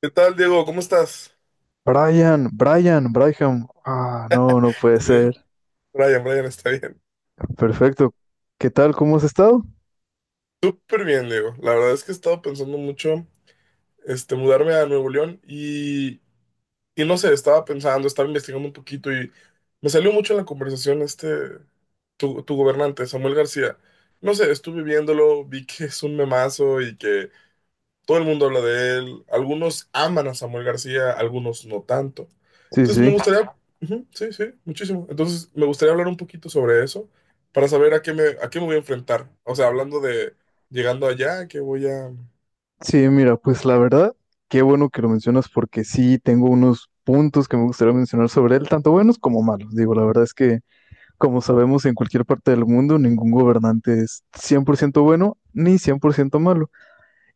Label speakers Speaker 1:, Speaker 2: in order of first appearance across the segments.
Speaker 1: ¿Qué tal, Diego? ¿Cómo estás?
Speaker 2: Brian, Brian, Brian. Ah, no, no puede
Speaker 1: Eh,
Speaker 2: ser.
Speaker 1: Brian, Brian está bien.
Speaker 2: Perfecto. ¿Qué tal? ¿Cómo has estado?
Speaker 1: Súper bien, Diego. La verdad es que he estado pensando mucho, este, mudarme a Nuevo León y, no sé, estaba pensando, estaba investigando un poquito y me salió mucho en la conversación este, tu gobernante, Samuel García. No sé, estuve viéndolo, vi que es un memazo y que todo el mundo habla de él. Algunos aman a Samuel García, algunos no tanto.
Speaker 2: Sí,
Speaker 1: Entonces me
Speaker 2: sí.
Speaker 1: gustaría, ujú, sí, sí, muchísimo. Entonces me gustaría hablar un poquito sobre eso para saber a qué me voy a enfrentar. O sea, hablando de llegando allá, que voy a...
Speaker 2: Sí, mira, pues la verdad, qué bueno que lo mencionas porque sí tengo unos puntos que me gustaría mencionar sobre él, tanto buenos como malos. Digo, la verdad es que, como sabemos, en cualquier parte del mundo ningún gobernante es 100% bueno ni 100% malo.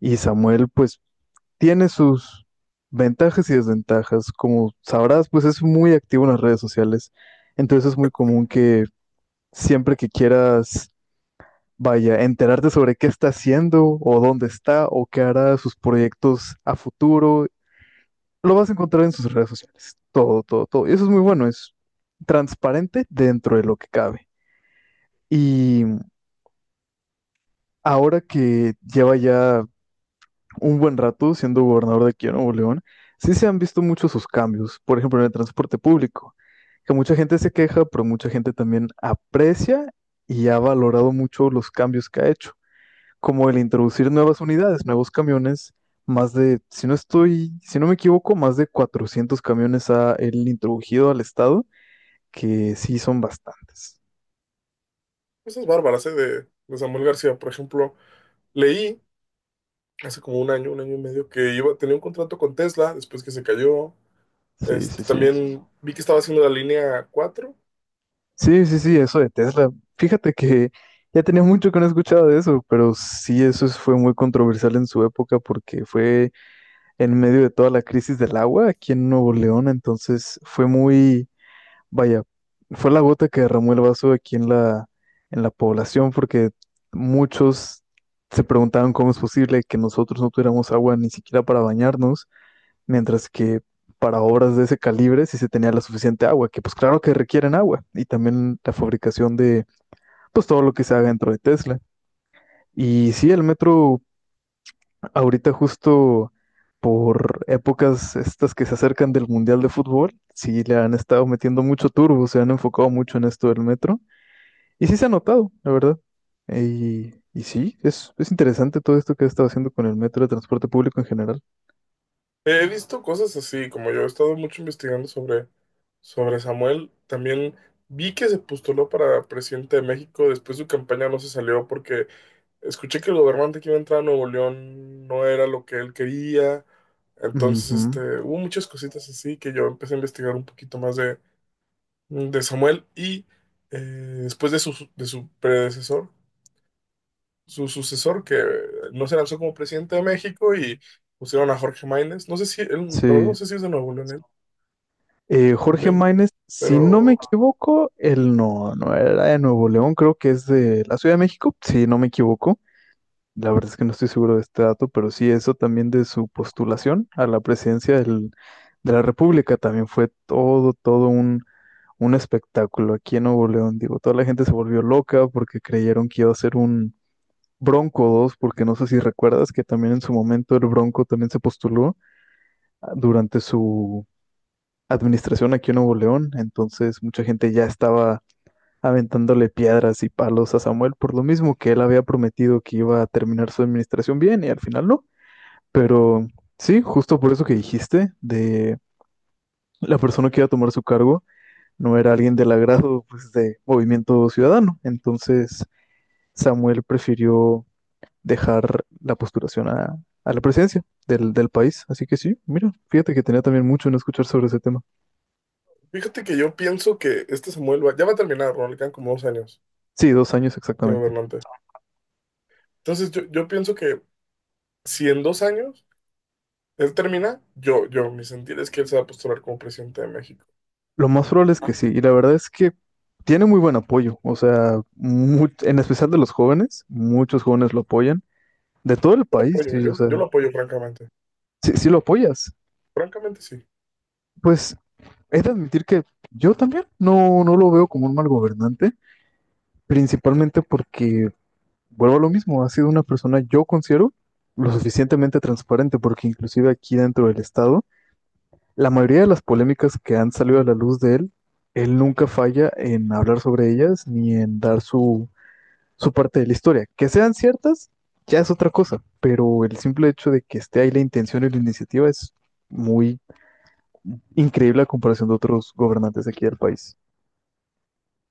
Speaker 2: Y Samuel, pues tiene sus ventajas y desventajas. Como sabrás, pues es muy activo en las redes sociales. Entonces es muy común que siempre que quieras, enterarte sobre qué está haciendo o dónde está o qué hará sus proyectos a futuro, lo vas a encontrar en sus redes sociales. Todo, todo, todo. Y eso es muy bueno. Es transparente dentro de lo que cabe. Y ahora que lleva ya un buen rato siendo gobernador de aquí en Nuevo León, sí se han visto muchos sus cambios, por ejemplo, en el transporte público, que mucha gente se queja, pero mucha gente también aprecia y ha valorado mucho los cambios que ha hecho, como el introducir nuevas unidades, nuevos camiones, más de, si no estoy, si no me equivoco, más de 400 camiones ha él introducido al estado, que sí son bastantes.
Speaker 1: Cosas bárbaras, ¿eh? De Samuel García, por ejemplo. Leí hace como un año y medio, que iba, tenía un contrato con Tesla después que se cayó.
Speaker 2: Sí,
Speaker 1: Este,
Speaker 2: sí, sí.
Speaker 1: también vi que estaba haciendo la línea 4.
Speaker 2: Sí, sí, sí, eso de Tesla. Fíjate que ya tenía mucho que no escuchaba de eso, pero sí, fue muy controversial en su época porque fue en medio de toda la crisis del agua aquí en Nuevo León, entonces fue muy, vaya, fue la gota que derramó el vaso aquí en en la población porque muchos se preguntaban cómo es posible que nosotros no tuviéramos agua ni siquiera para bañarnos mientras que para obras de ese calibre sí se tenía la suficiente agua, que pues claro que requieren agua y también la fabricación de pues todo lo que se haga dentro de Tesla. Y sí, el metro ahorita justo por épocas estas que se acercan del Mundial de Fútbol, sí le han estado metiendo mucho turbo, se han enfocado mucho en esto del metro y sí se ha notado, la verdad. Y sí, es interesante todo esto que ha estado haciendo con el metro de transporte público en general.
Speaker 1: He visto cosas así, como yo he estado mucho investigando sobre Samuel, también vi que se postuló para presidente de México, después su campaña no se salió porque escuché que el gobernante que iba a entrar a Nuevo León no era lo que él quería, entonces este,
Speaker 2: Ujú.
Speaker 1: hubo muchas cositas así que yo empecé a investigar un poquito más de, Samuel y después de su predecesor, su sucesor, que no se lanzó como presidente de México y pusieron a Jorge Máynez, no sé si, él- la verdad no
Speaker 2: Sí.
Speaker 1: sé si es de Nuevo León, él.
Speaker 2: Jorge
Speaker 1: También.
Speaker 2: Máynez, si no me
Speaker 1: Pero
Speaker 2: equivoco, él no, no era de Nuevo León, creo que es de la Ciudad de México, si no me equivoco. La verdad es que no estoy seguro de este dato, pero sí eso también de su postulación a la de la República también fue todo, todo un espectáculo aquí en Nuevo León. Digo, toda la gente se volvió loca porque creyeron que iba a ser un Bronco 2, porque no sé si recuerdas que también en su momento el Bronco también se postuló ah, durante su administración aquí en Nuevo León, entonces mucha gente ya estaba aventándole piedras y palos a Samuel por lo mismo que él había prometido que iba a terminar su administración bien y al final no. Pero sí, justo por eso que dijiste de la persona que iba a tomar su cargo no era alguien del agrado pues, de Movimiento Ciudadano. Entonces Samuel prefirió dejar la postulación a la presidencia del país. Así que sí, mira, fíjate que tenía también mucho en escuchar sobre ese tema.
Speaker 1: fíjate que yo pienso que este Samuel va, ya va a terminar, ¿no? Le quedan como dos años
Speaker 2: Sí, dos años
Speaker 1: de
Speaker 2: exactamente.
Speaker 1: gobernante. Entonces yo pienso que si en dos años él termina, mi sentir es que él se va a postular como presidente de México.
Speaker 2: Lo más probable es que sí, y la verdad es que tiene muy buen apoyo, o sea, mu- en especial de los jóvenes, muchos jóvenes lo apoyan, de todo el
Speaker 1: Yo lo
Speaker 2: país,
Speaker 1: apoyo,
Speaker 2: y o
Speaker 1: yo
Speaker 2: sea,
Speaker 1: lo apoyo francamente.
Speaker 2: si lo apoyas,
Speaker 1: Francamente sí.
Speaker 2: pues he de admitir que yo también no, no lo veo como un mal gobernante, principalmente porque, vuelvo a lo mismo, ha sido una persona, yo considero, lo suficientemente transparente, porque inclusive aquí dentro del Estado, la mayoría de las polémicas que han salido a la luz de él, él nunca falla en hablar sobre ellas ni en dar su parte de la historia. Que sean ciertas, ya es otra cosa, pero el simple hecho de que esté ahí la intención y la iniciativa es muy increíble a comparación de otros gobernantes aquí del país.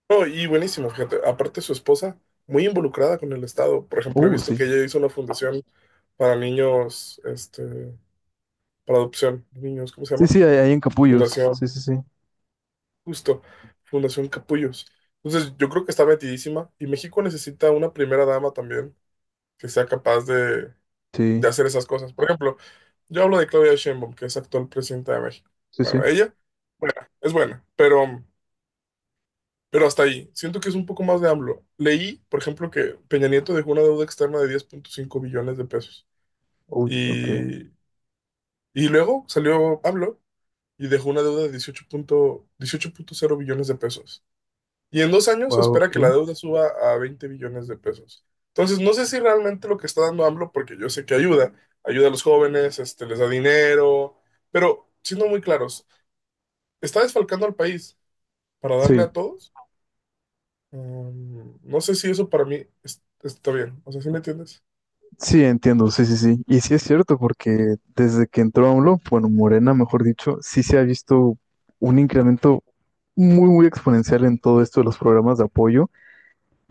Speaker 1: No, y buenísimo, fíjate. Aparte su esposa, muy involucrada con el estado. Por ejemplo, he visto
Speaker 2: Sí.
Speaker 1: que ella hizo una fundación para niños, este, para adopción, niños, ¿cómo se
Speaker 2: Sí,
Speaker 1: llama?
Speaker 2: sí, hay encapullos. Sí, sí,
Speaker 1: Fundación.
Speaker 2: sí.
Speaker 1: Justo, Fundación Capullos. Entonces, yo creo que está metidísima y México necesita una primera dama también que sea capaz de,
Speaker 2: Sí,
Speaker 1: hacer esas cosas. Por ejemplo, yo hablo de Claudia Sheinbaum, que es actual presidenta de México.
Speaker 2: sí, sí.
Speaker 1: Bueno, ella es buena, pero, hasta ahí. Siento que es un poco más de AMLO. Leí, por ejemplo, que Peña Nieto dejó una deuda externa de 10.5 billones de pesos
Speaker 2: Uy, ok.
Speaker 1: y, luego salió AMLO y dejó una deuda de 18.0 billones de pesos. Y en dos años se
Speaker 2: Wow,
Speaker 1: espera que la
Speaker 2: ok.
Speaker 1: deuda suba a 20 billones de pesos. Entonces, no sé si realmente lo que está dando AMLO, porque yo sé que ayuda, ayuda a los jóvenes, este, les da dinero, pero siendo muy claros, ¿está desfalcando al país para darle
Speaker 2: Sí,
Speaker 1: a todos? No sé si eso para mí es- está bien, o sea, ¿sí me entiendes?
Speaker 2: sí, entiendo. Sí, sí, sí. Y sí es cierto, porque desde que entró AMLO, bueno, Morena, mejor dicho, sí se ha visto un incremento muy, muy exponencial en todo esto de los programas de apoyo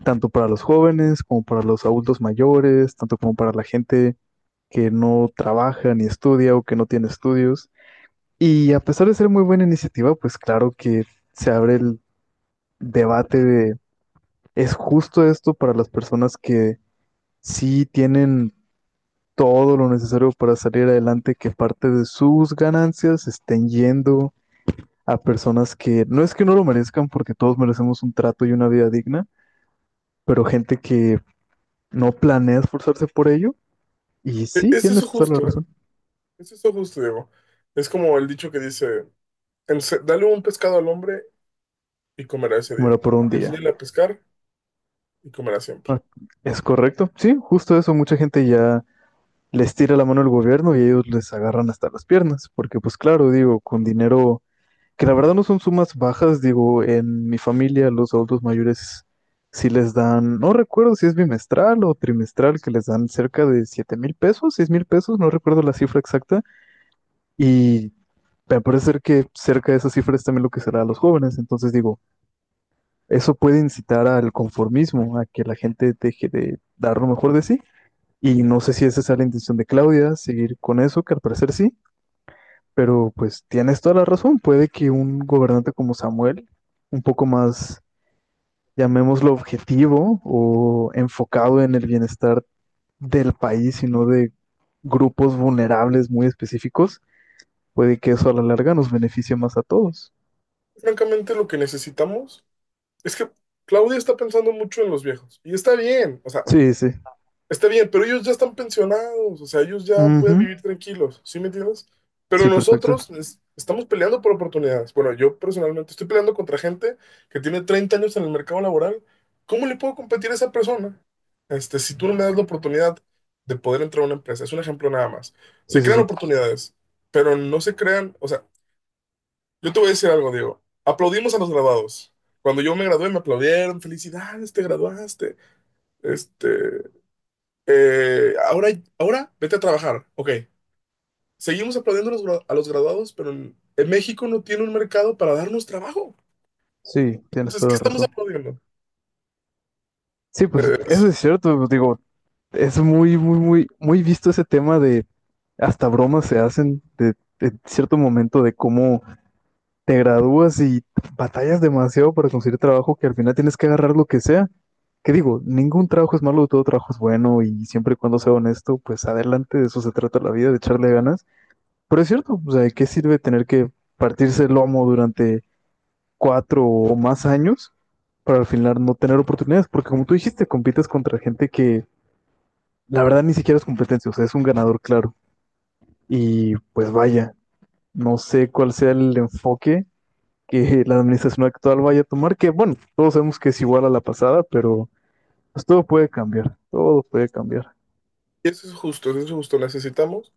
Speaker 2: tanto para los jóvenes como para los adultos mayores, tanto como para la gente que no trabaja ni estudia o que no tiene estudios. Y a pesar de ser muy buena iniciativa, pues claro que se abre el debate de, ¿es justo esto para las personas que sí tienen todo lo necesario para salir adelante, que parte de sus ganancias estén yendo a personas que no es que no lo merezcan, porque todos merecemos un trato y una vida digna, pero gente que no planea esforzarse por ello? Y sí,
Speaker 1: Es
Speaker 2: tienes
Speaker 1: eso
Speaker 2: toda la
Speaker 1: justo,
Speaker 2: razón.
Speaker 1: güey. Es eso justo, Diego. Es como el dicho que dice: Dale un pescado al hombre y comerá ese
Speaker 2: Bueno,
Speaker 1: día.
Speaker 2: por un día.
Speaker 1: Enséñale a pescar y comerá siempre".
Speaker 2: Ah, es correcto. Sí, justo eso. Mucha gente ya les tira la mano al gobierno y ellos les agarran hasta las piernas. Porque, pues claro, digo, con dinero, que la verdad no son sumas bajas, digo, en mi familia los adultos mayores sí les dan, no recuerdo si es bimestral o trimestral, que les dan cerca de siete mil pesos, seis mil pesos, no recuerdo la cifra exacta. Y me parece ser que cerca de esa cifra es también lo que será a los jóvenes. Entonces, digo, eso puede incitar al conformismo, a que la gente deje de dar lo mejor de sí. Y no sé si esa es la intención de Claudia, seguir con eso, que al parecer sí, pero pues tienes toda la razón. Puede que un gobernante como Samuel, un poco más, llamémoslo objetivo o enfocado en el bienestar del país y no de grupos vulnerables muy específicos, puede que eso a la larga nos beneficie más a todos.
Speaker 1: Francamente, lo que necesitamos es que Claudia está pensando mucho en los viejos. Y está bien, o sea,
Speaker 2: Sí, sí.
Speaker 1: está bien, pero ellos ya están pensionados, o sea, ellos ya pueden
Speaker 2: Ujú.
Speaker 1: vivir tranquilos, ¿sí me entiendes? Pero
Speaker 2: Sí, perfecto.
Speaker 1: nosotros estamos peleando por oportunidades. Bueno, yo personalmente estoy peleando contra gente que tiene 30 años en el mercado laboral. ¿Cómo le puedo competir a esa persona? Este, si tú no me das la oportunidad de poder entrar a una empresa, es un ejemplo nada más.
Speaker 2: Sí,
Speaker 1: Se
Speaker 2: sí,
Speaker 1: crean
Speaker 2: sí.
Speaker 1: oportunidades, pero no se crean, o sea, yo te voy a decir algo, Diego. Aplaudimos a los graduados. Cuando yo me gradué, me aplaudieron. Felicidades, te graduaste. Este, eh, ahora, ahora vete a trabajar. Ok. Seguimos aplaudiendo a a los graduados, pero en México no tiene un mercado para darnos trabajo.
Speaker 2: Sí, tienes
Speaker 1: Entonces,
Speaker 2: toda
Speaker 1: ¿qué
Speaker 2: la
Speaker 1: estamos
Speaker 2: razón.
Speaker 1: aplaudiendo?
Speaker 2: Sí, pues eso
Speaker 1: Es-
Speaker 2: es cierto, digo, es muy, muy, muy, muy visto ese tema de hasta bromas se hacen de cierto momento de cómo te gradúas y batallas demasiado para conseguir trabajo que al final tienes que agarrar lo que sea. Que digo, ningún trabajo es malo, todo trabajo es bueno y siempre y cuando sea honesto, pues adelante, de eso se trata la vida, de echarle ganas. Pero es cierto, o sea, ¿de qué sirve tener que partirse el lomo durante cuatro o más años para al final no tener oportunidades, porque como tú dijiste, compites contra gente que la verdad ni siquiera es competencia, o sea, es un ganador claro? Y pues vaya, no sé cuál sea el enfoque que la administración actual vaya a tomar, que bueno, todos sabemos que es igual a la pasada, pero pues todo puede cambiar, todo puede cambiar.
Speaker 1: Eso es justo, eso es justo. Necesitamos,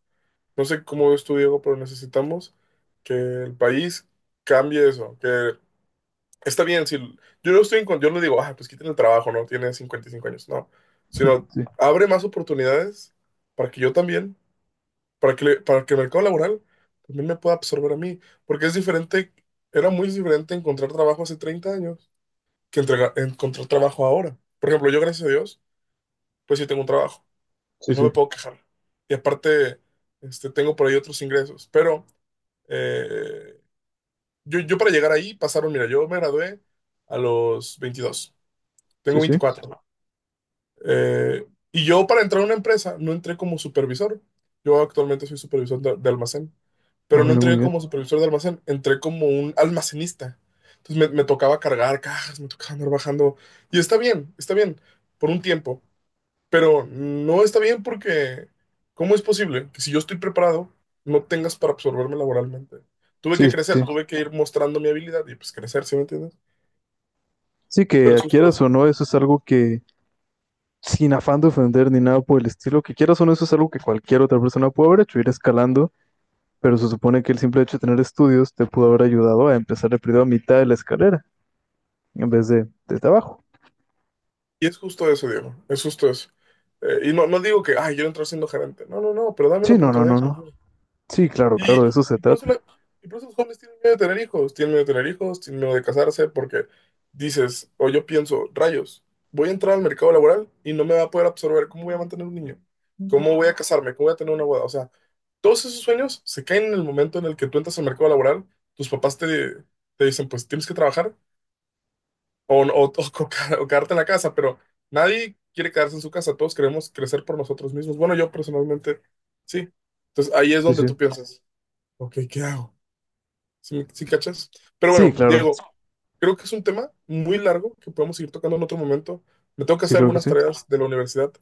Speaker 1: no sé cómo ves tú, Diego, pero necesitamos que el país cambie eso. Que está bien, si yo no estoy yo no digo, ah, pues quiten el trabajo, no tiene 55 años, no, sino
Speaker 2: Sí,
Speaker 1: abre más oportunidades para que yo también, para que el mercado laboral también me pueda absorber a mí, porque es diferente, era muy diferente encontrar trabajo hace 30 años que encontrar trabajo ahora. Por ejemplo, yo gracias a Dios, pues sí tengo un trabajo
Speaker 2: sí,
Speaker 1: y no
Speaker 2: sí,
Speaker 1: me puedo quejar. Y aparte, este, tengo por ahí otros ingresos, pero eh, yo para llegar ahí pasaron, mira, yo me gradué a los 22.
Speaker 2: sí,
Speaker 1: Tengo
Speaker 2: sí.
Speaker 1: 24. Eh, y yo para entrar a una empresa no entré como supervisor. Yo actualmente soy supervisor de almacén,
Speaker 2: A
Speaker 1: pero no
Speaker 2: ver, muy
Speaker 1: entré
Speaker 2: bien.
Speaker 1: como supervisor de almacén, entré como un almacenista. Entonces me tocaba cargar cajas, me tocaba andar bajando. Y está bien, por un tiempo, pero no está bien porque ¿cómo es posible que si yo estoy preparado no tengas para absorberme laboralmente? Tuve
Speaker 2: Sí,
Speaker 1: que
Speaker 2: sí.
Speaker 1: crecer,
Speaker 2: Sí,
Speaker 1: tuve que ir mostrando mi habilidad y pues crecer, ¿sí me entiendes?
Speaker 2: sí,
Speaker 1: Pero
Speaker 2: que
Speaker 1: es
Speaker 2: quieras
Speaker 1: justo
Speaker 2: o no, eso es algo que sin afán de ofender ni nada por el estilo, que quieras o no, eso es algo que cualquier otra persona puede haber hecho, ir escalando, pero se supone que el simple hecho de tener estudios te pudo haber ayudado a empezar el periodo a mitad de la escalera, en vez de desde abajo.
Speaker 1: Y es justo eso, Diego, es justo eso. Y no digo que, ay, yo entro siendo gerente. No, no, no, pero dame la
Speaker 2: Sí, no, no,
Speaker 1: oportunidad.
Speaker 2: no, no. Sí, claro,
Speaker 1: Y,
Speaker 2: claro, de eso se
Speaker 1: y por
Speaker 2: trata.
Speaker 1: y por eso los jóvenes tienen miedo de tener hijos, tienen miedo de tener hijos, tienen miedo de casarse, porque dices, o yo pienso, rayos, voy a entrar al mercado laboral y no me va a poder absorber. ¿Cómo voy a mantener un niño? ¿Cómo voy a casarme? ¿Cómo voy a tener una boda? O sea, todos esos sueños se caen en el momento en el que tú entras al mercado laboral, tus papás te, te dicen, pues tienes que trabajar o o quedarte en la casa, pero nadie quiere quedarse en su casa, todos queremos crecer por nosotros mismos. Bueno, yo personalmente, sí. Entonces ahí es
Speaker 2: Sí,
Speaker 1: donde
Speaker 2: sí.
Speaker 1: tú piensas, ok, ¿qué hago? Sí cachas? Pero
Speaker 2: Sí,
Speaker 1: bueno,
Speaker 2: claro.
Speaker 1: Diego, creo que es un tema muy largo que podemos seguir tocando en otro momento. Me tengo que
Speaker 2: Sí,
Speaker 1: hacer
Speaker 2: claro que
Speaker 1: algunas
Speaker 2: sí.
Speaker 1: tareas de la universidad,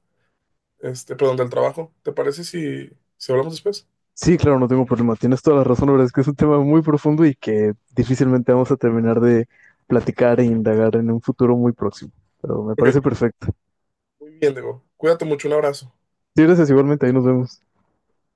Speaker 1: este, perdón, del trabajo. ¿Te parece si, si hablamos después?
Speaker 2: Sí, claro, no tengo problema. Tienes toda la razón, la verdad es que es un tema muy profundo y que difícilmente vamos a terminar de platicar e indagar en un futuro muy próximo. Pero me
Speaker 1: Ok,
Speaker 2: parece perfecto.
Speaker 1: muy bien, Diego. Cuídate mucho, un abrazo.
Speaker 2: Sí, gracias igualmente, ahí nos vemos.